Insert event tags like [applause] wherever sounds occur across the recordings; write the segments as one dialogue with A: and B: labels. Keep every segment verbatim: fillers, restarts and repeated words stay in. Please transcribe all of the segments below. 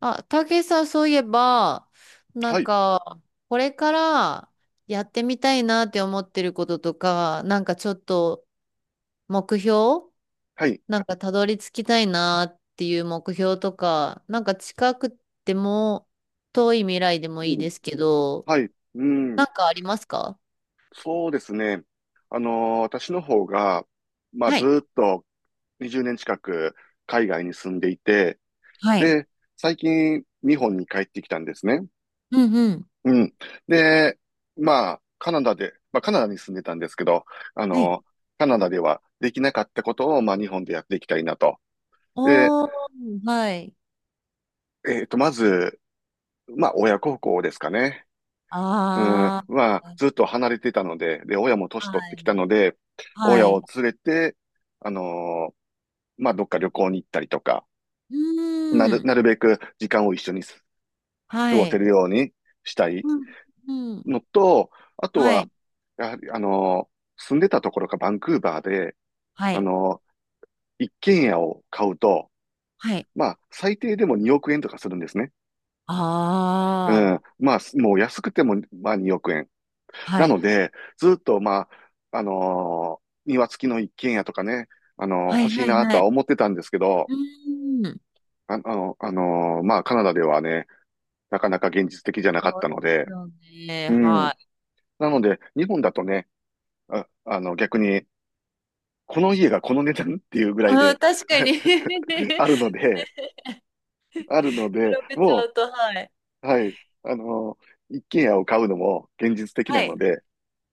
A: あ、たけしさん、そういえば、な
B: は
A: ん
B: い、
A: か、これからやってみたいなって思ってることとか、なんかちょっと目標
B: はい、
A: なんかたどり着きたいなっていう目標とか、なんか近くても遠い未来でも
B: う
A: いい
B: ん、
A: ですけど、
B: はい、う
A: な
B: ん、
A: んかありますか？
B: そうですね。あのー私の方が、まあ、
A: は
B: ず
A: い。
B: ーっとにじゅうねん近く海外に住んでいて、
A: はい。
B: で、最近日本に帰ってきたんですね。
A: うんうん。
B: うん。で、まあ、カナダで、まあ、カナダに住んでたんですけど、あ
A: はい。
B: のカナダではできなかったことを、まあ、日本でやっていきたいなと。で、
A: おー、はい。
B: えっと、まず、まあ、親孝行ですかね。
A: あ
B: うん、
A: ー
B: は、ずっと離れてたので、で、親も年取っ
A: は
B: て
A: い。
B: きたので、
A: は
B: 親
A: い。
B: を連れて、あのーまあ、どっか旅行に行ったりとか、
A: う
B: なる、
A: ーん。
B: なるべく時間を一緒にす過
A: は
B: ごせ
A: い。
B: るようにしたい
A: うん。うん
B: のと、あと
A: は
B: は、
A: い。
B: やはり、あのー住んでたところがバンクーバーで、
A: は
B: あ
A: い。
B: のー一軒家を買うと、
A: はい。
B: まあ、最低でもにおく円とかするんですね。う
A: あ
B: ん。
A: あ。
B: まあ、もう安くても、まあ、におく円。
A: は
B: な
A: い。
B: ので、ずっと、まあ、あのー庭付きの一軒家とかね、あのー
A: は
B: 欲
A: い。
B: しい
A: はい。
B: なと
A: は
B: は
A: い。
B: 思ってたんですけど、
A: うーん。
B: あ、あの、あのーまあ、カナダではね、なかなか現実的じゃ
A: [laughs]
B: な
A: そ
B: かっ
A: う
B: た
A: で
B: の
A: す
B: で、
A: よ
B: う
A: ね。
B: ん。
A: はい。
B: なので、日本だとね、あ、あの、逆に、この家がこの値段っていうぐ
A: [laughs]
B: らい
A: うん、
B: で
A: 確かに [laughs] 比
B: [laughs] あるので、あるので、
A: べちゃ
B: も
A: うと、はい。
B: う、はい、あのー一軒家を買うのも現実的な
A: はい。
B: ので、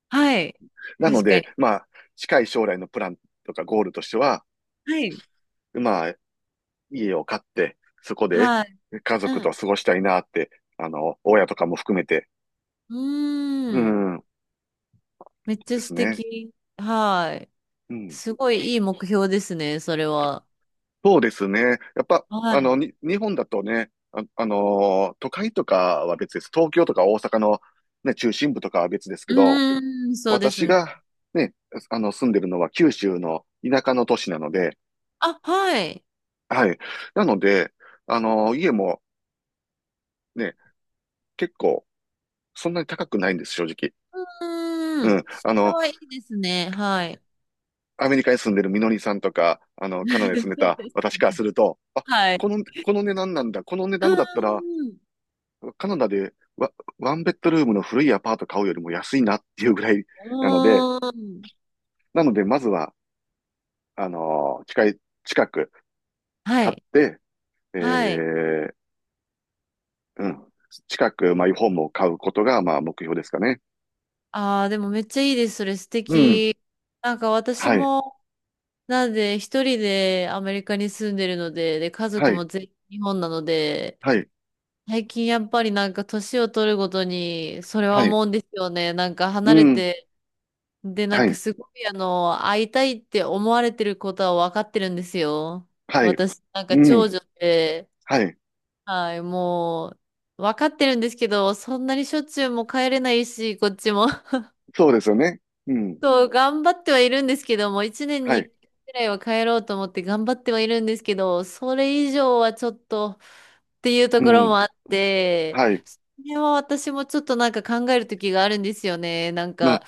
A: はい。
B: なの
A: 確か
B: で、
A: に。
B: まあ、近い将来のプランとかゴールとしては、
A: はい。
B: まあ、家を買って、そこで
A: はい。
B: 家族
A: う
B: と
A: ん。
B: 過ごしたいなって、あの、親とかも含めて、
A: う
B: う
A: ーん。
B: ん、
A: めっちゃ
B: です
A: 素
B: ね。
A: 敵。はい。
B: うん。
A: すごいいい目標ですね、それは。
B: そうですね。やっぱ、
A: は
B: あの、
A: い。
B: に、日本だとね、あ、あのー都会とかは別です。東京とか大阪の、ね、中心部とかは別ですけ
A: う
B: ど、
A: ーん、そうです
B: 私
A: ね。
B: が、ね、あの、住んでるのは九州の田舎の都市なので、
A: あ、はい。
B: はい。なので、あのー家もね、結構、そんなに高くないんです、正直。
A: う
B: う
A: ーん。
B: ん。
A: そ
B: あ
A: れ
B: の、
A: はいいですね。はい。
B: アメリカに住んでるみのりさんとか、あの、カナダに住ん
A: [laughs]
B: で
A: そう
B: た
A: です
B: 私からすると、あ、
A: はい。
B: この、この値段なんだ。この値
A: うー
B: 段だったら、
A: ん。
B: カナダでワ、ワンベッドルームの古いアパート買うよりも安いなっていうぐらい [laughs] なので、
A: うーん。
B: なので、まずは、あのー近い、近く
A: は
B: 買っ
A: い。
B: て、え
A: はい。
B: ー、うん、近くマイホームを買うことが、まあ、目標ですかね。
A: ああ、でもめっちゃいいです。それ素
B: うん、
A: 敵。なんか私
B: はい、
A: も、なんで一人でアメリカに住んでるので、で、家
B: は
A: 族
B: い、
A: も全員日本なので、
B: はい、
A: 最近やっぱりなんか年を取るごとに、それは
B: はい、
A: 思うんですよね。なんか
B: う
A: 離れ
B: ん、
A: て、で、なん
B: は
A: か
B: い、
A: すごいあの、会いたいって思われてることは分かってるんですよ。
B: はい、
A: 私、なんか
B: う
A: 長
B: ん、
A: 女で、
B: はい、
A: はい、もう、わかってるんですけど、そんなにしょっちゅうも帰れないし、こっちも。[laughs]
B: そうですよね。うん、
A: そう、頑張ってはいるんですけども、一年
B: は
A: に
B: い、
A: 一回ぐらいは帰ろうと思って頑張ってはいるんですけど、それ以上はちょっとっていうと
B: う
A: ころ
B: ん。
A: もあって、
B: はい。
A: それは私もちょっとなんか考える時があるんですよね。なん
B: まあ、
A: か、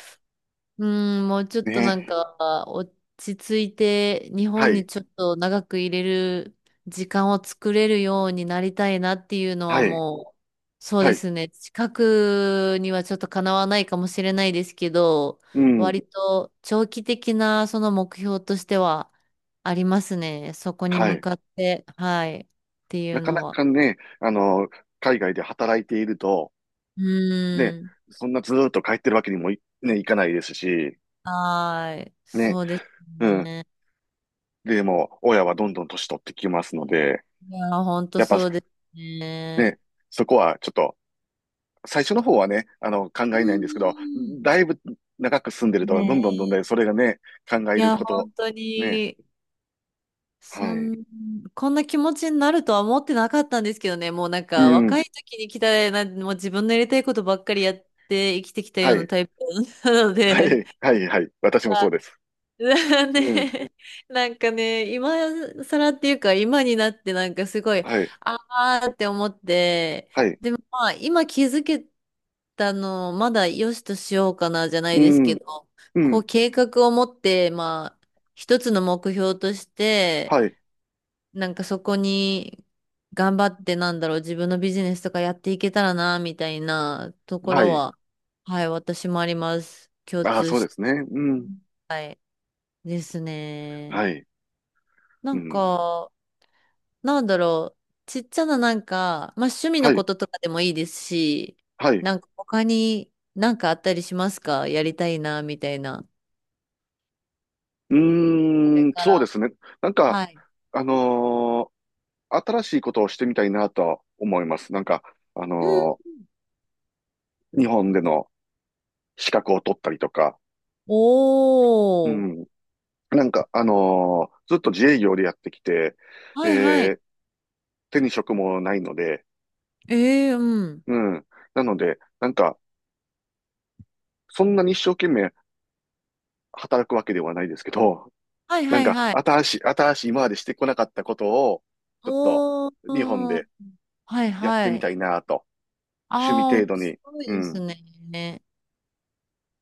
A: うん、もうちょっとなん
B: ね。
A: か落ち着いて日
B: は
A: 本に
B: い。
A: ちょっと長く入れる時間を作れるようになりたいなっていうのは
B: はい。
A: もう、そう
B: は
A: で
B: い。
A: すね。近くにはちょっとかなわないかもしれないですけど、
B: うん。
A: 割と長期的なその目標としてはありますね。そこに
B: は
A: 向
B: い。
A: かって、はい、ってい
B: な
A: う
B: かな
A: のは。
B: かね、あの、海外で働いていると、
A: う
B: ね、
A: ん、
B: そんなずーっと帰ってるわけにもい、ね、いかないですし、
A: はい、
B: ね。
A: そうです
B: うん。
A: ね。
B: でも、親はどんどん年取ってきますので、
A: いや、本当
B: やっぱ、
A: そうですね。
B: ね、そこはちょっと、最初の方はね、あの、考
A: う
B: えないんですけど、
A: ん
B: だいぶ長く住んでる
A: ね
B: と、どんどんどんどんね
A: え。
B: それがね、考
A: い
B: える
A: や、
B: こと、
A: 本当
B: ね。
A: に、
B: は
A: そ
B: い。
A: ん、こんな気持ちになるとは思ってなかったんですけどね。もうなん
B: う
A: か、
B: ん。
A: 若い時に来たな、もう自分のやりたいことばっかりやって生きてきたよ
B: は
A: うな
B: い。
A: タイプなの
B: は
A: で、
B: い。はい。はい。私も
A: [laughs]
B: そうです。
A: [laughs]
B: うん。
A: ね、なんかね、今更っていうか、今になってなんかすごい、
B: はい。
A: あーって思って、
B: はい。
A: でもまあ、今気づけたのをまだ良しとしようかなじゃな
B: う
A: いですけ
B: ん。
A: ど、
B: う
A: こう
B: ん。
A: 計画を持って、まあ、一つの目標として、
B: はい。
A: なんかそこに頑張ってなんだろう、自分のビジネスとかやっていけたらな、みたいなとこ
B: は
A: ろ
B: い。
A: は、はい、私もあります。共
B: ああ、
A: 通
B: そうで
A: し
B: すね。うん。
A: ですね。
B: はい。
A: な
B: う
A: ん
B: ん。
A: か、なんだろう。ちっちゃななんか、まあ趣味の
B: は
A: こ
B: い。
A: ととかでもいいですし、
B: はい。
A: なんか他になんかあったりしますかやりたいな、みたいな。
B: う
A: これ
B: ーん。
A: か
B: そう
A: ら。
B: ですね。なんか、
A: はい。
B: あのー新しいことをしてみたいなとは思います。なんか、あ
A: う
B: の
A: ん
B: ー日本での資格を取ったりとか。う
A: おー。
B: ん。なんか、あのーずっと自営業でやってきて、
A: はいはい。
B: で、手に職もないので、
A: ええーうん。
B: うん。なので、なんか、そんなに一生懸命働くわけではないですけど、
A: はい
B: な
A: は
B: ん
A: い
B: か、
A: はい。
B: 新しい、新しい、今までしてこなかったことを、ちょっと、
A: おー。う
B: 日本
A: ん
B: で
A: はい
B: やっ
A: は
B: てみ
A: い。
B: たいなと。趣
A: ああ、
B: 味程
A: 面
B: 度に。
A: 白
B: う
A: いです
B: ん。
A: ね。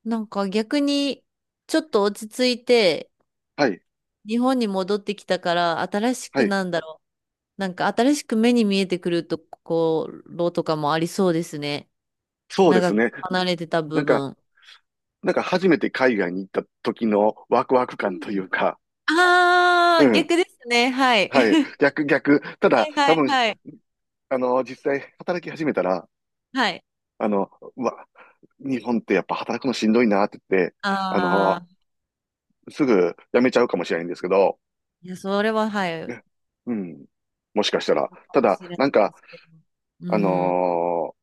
A: なんか逆に、ちょっと落ち着いて、
B: はい、
A: 日本に戻ってきたから、新し
B: は
A: く
B: い。
A: なんだろうなんか新しく目に見えてくるところとかもありそうですね。
B: そうで
A: 長
B: すね。
A: く離れてた
B: な
A: 部
B: んか、
A: 分。
B: なんか初めて海外に行った時のワクワク感というか、
A: あ
B: う
A: あー、
B: ん。
A: 逆ですね。はい。
B: はい。
A: [laughs]
B: 逆、逆。た
A: は
B: だ、
A: いは
B: 多
A: い
B: 分、
A: はい。
B: あの、実際働き始めたら、
A: はい。
B: あの、うわ、日本ってやっぱ働くのしんどいなって言って、あ
A: あ
B: の、
A: あ、
B: すぐ辞めちゃうかもしれないんですけど、
A: いや、それは、はい、
B: ねうん。もしかしたら。
A: か
B: た
A: も
B: だ、
A: しれない
B: なん
A: で
B: か、
A: すけど。う
B: あ
A: ん。
B: のー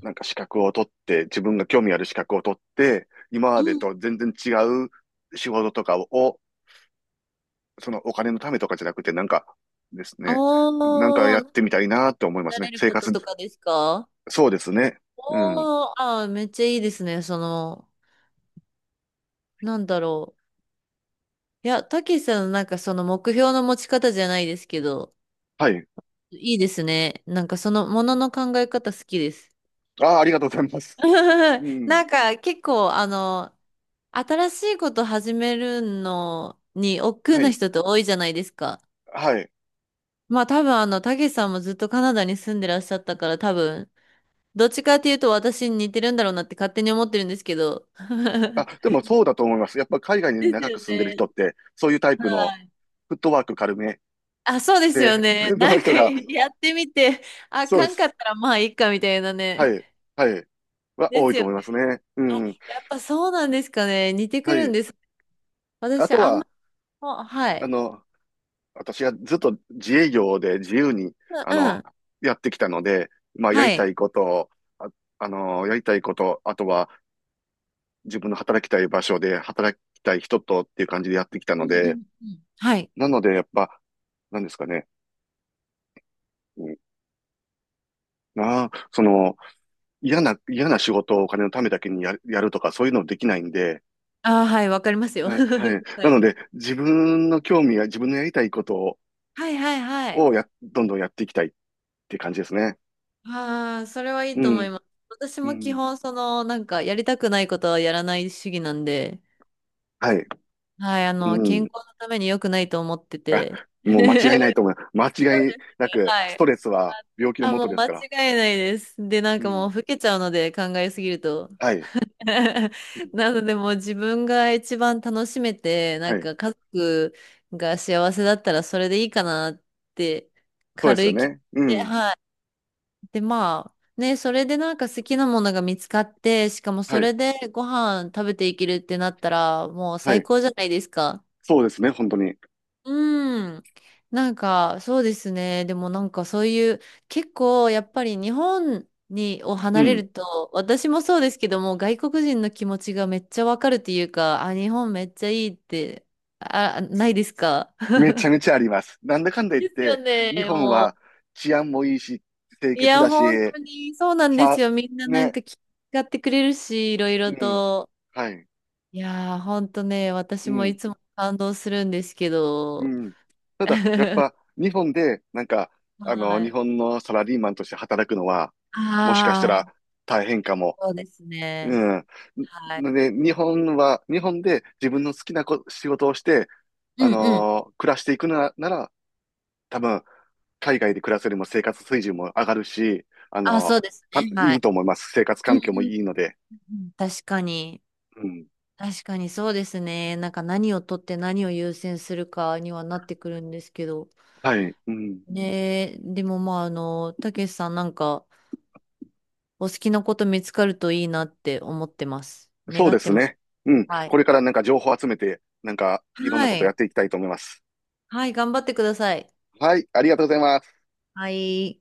B: なんか資格を取って、自分が興味ある資格を取って、今ま
A: う
B: で
A: ん。
B: と全然違う仕事とかを、そのお金のためとかじゃなくて、なんかですね、なんか
A: お
B: やっ
A: ー、
B: てみたいなと思いま
A: な
B: すね。
A: れる
B: 生
A: こと
B: 活、
A: とかですか？
B: そうですね。うん。
A: おー、あー、めっちゃいいですね。その、なんだろう。いや、たけしさんのなんかその目標の持ち方じゃないですけど、
B: はい。
A: いいですね。なんかそのものの考え方好きです。
B: ああ、ありがとうございます。
A: [laughs]
B: うん。
A: なんか結構あの、新しいこと始めるのに億劫
B: は
A: な
B: い。
A: 人って多いじゃないですか。
B: はい。
A: まあ多分あの、たけしさんもずっとカナダに住んでらっしゃったから多分、どっちかっていうと私に似てるんだろうなって勝手に思ってるんですけど。
B: あ、
A: [laughs]
B: でもそうだと思います。やっぱ海外に
A: です
B: 長
A: よ
B: く住んでる
A: ね。
B: 人って、そういうタイプの
A: はい。
B: フットワーク軽め
A: あ、そうですよ
B: で、
A: ね。
B: [laughs]
A: な
B: の
A: んか
B: 人が、
A: やってみて、あ
B: そう
A: か
B: で
A: んかっ
B: す。
A: たらまあいいかみたいな
B: は
A: ね。
B: い。はい。は
A: で
B: 多い
A: す
B: と
A: よ
B: 思いま
A: ね。
B: すね。う
A: あ、
B: ん。
A: やっぱそうなんですかね。似てく
B: は
A: るん
B: い。
A: です。
B: あ
A: 私、
B: と
A: あんま
B: は、
A: りも、は
B: あ
A: い。
B: の、私がずっと自営業で自由に、あ
A: うん、
B: の、
A: うん。
B: やってきたので、まあ、や
A: は
B: りた
A: い。
B: いことを、あ、あの、やりたいこと、あとは自分の働きたい場所で働きたい人とっていう感じでやってきた
A: う
B: の
A: んう
B: で、
A: んうん。はい。
B: なので、やっぱ、なんですかね。うん、まあ、その、嫌な、嫌な仕事をお金のためだけにや、やるとか、そういうのできないんで、
A: ああ、はい、わかりますよ。[laughs]
B: あはい。
A: は
B: なの
A: い。
B: で、自分の興味や自分のやりたいことを、
A: はい、はい、はい。
B: をや、どんどんやっていきたいって感じですね。
A: ああ、それはいい
B: う
A: と思
B: ん。
A: います。私
B: う
A: も基
B: ん。
A: 本、その、なんか、やりたくないことはやらない主義なんで、
B: はい。
A: はい、あの、
B: う
A: 健
B: ん。
A: 康のために良くないと思って
B: あ、
A: て。[laughs] そう
B: もう間違いない
A: で
B: と思います。間
A: す
B: 違いなく、
A: は
B: ス
A: い。
B: トレスは病気の
A: あ、
B: も
A: も
B: と
A: う
B: です
A: 間違
B: から。
A: いないです。で、なん
B: う
A: かも
B: ん。
A: う、老けちゃうので、考えすぎると。
B: はい。
A: [laughs]
B: うん。
A: なのでもう自分が一番楽しめて、な
B: は
A: ん
B: い。
A: か家族が幸せだったらそれでいいかなって
B: そうで
A: 軽
B: すよ
A: い気持ち
B: ね。う
A: で、
B: ん。
A: はい。で、まあね、それでなんか好きなものが見つかって、しかも
B: は
A: そ
B: い。
A: れでご飯食べていけるってなったらもう
B: は
A: 最
B: い。
A: 高じゃないですか。
B: そうですね、本当に。
A: うん。なんか、そうですね。でもなんかそういう、結構やっぱり日本に、を
B: う
A: 離れ
B: ん。
A: ると、私もそうですけども、外国人の気持ちがめっちゃわかるっていうか、あ、日本めっちゃいいって、あ、ないですか？ [laughs]
B: めちゃめちゃあります。なんだかんだ言っ
A: ですよ
B: て、
A: ね、
B: 日本
A: もう。
B: は治安もいいし、清
A: い
B: 潔
A: や、
B: だし、
A: 本当にそうなんです
B: さ、
A: よ。みんななん
B: ね。
A: か気遣ってくれるし、いろい
B: う
A: ろ
B: ん。
A: と。
B: はい。
A: いやー、本当ね、
B: う
A: 私もい
B: ん。
A: つも感動するんですけ
B: う
A: ど。
B: ん。ただ、やっ
A: [laughs]
B: ぱ、日本で、なんか、あの、
A: は
B: 日
A: い。
B: 本のサラリーマンとして働くのは、もしかした
A: ああ、
B: ら大変かも。
A: そうですね。
B: うん。
A: はい。
B: で、日本は、日本で自分の好きなこ仕事をして、
A: う
B: あ
A: んうん。
B: のー暮らしていくな、なら、多分、海外で暮らすよりも生活水準も上がるし、あ
A: あ、
B: の
A: そうです
B: ーた
A: ね。は
B: い
A: い。
B: いと思います。生活
A: うん
B: 環境も
A: うん
B: いいので。
A: うん。確かに。
B: うん。
A: 確かにそうですね。なんか何を取って何を優先するかにはなってくるんですけど。
B: はい。うん。
A: ねえ、でもまあ、あの、たけしさんなんかお好きなこと見つかるといいなって思ってます。
B: そう
A: 願
B: で
A: って
B: す
A: ます。
B: ね。うん。
A: はい。
B: これからなんか情報集めて、なんかいろんな
A: は
B: ことやっ
A: い。
B: ていきたいと思います。
A: はい、頑張ってください。
B: はい。ありがとうございます。
A: はい。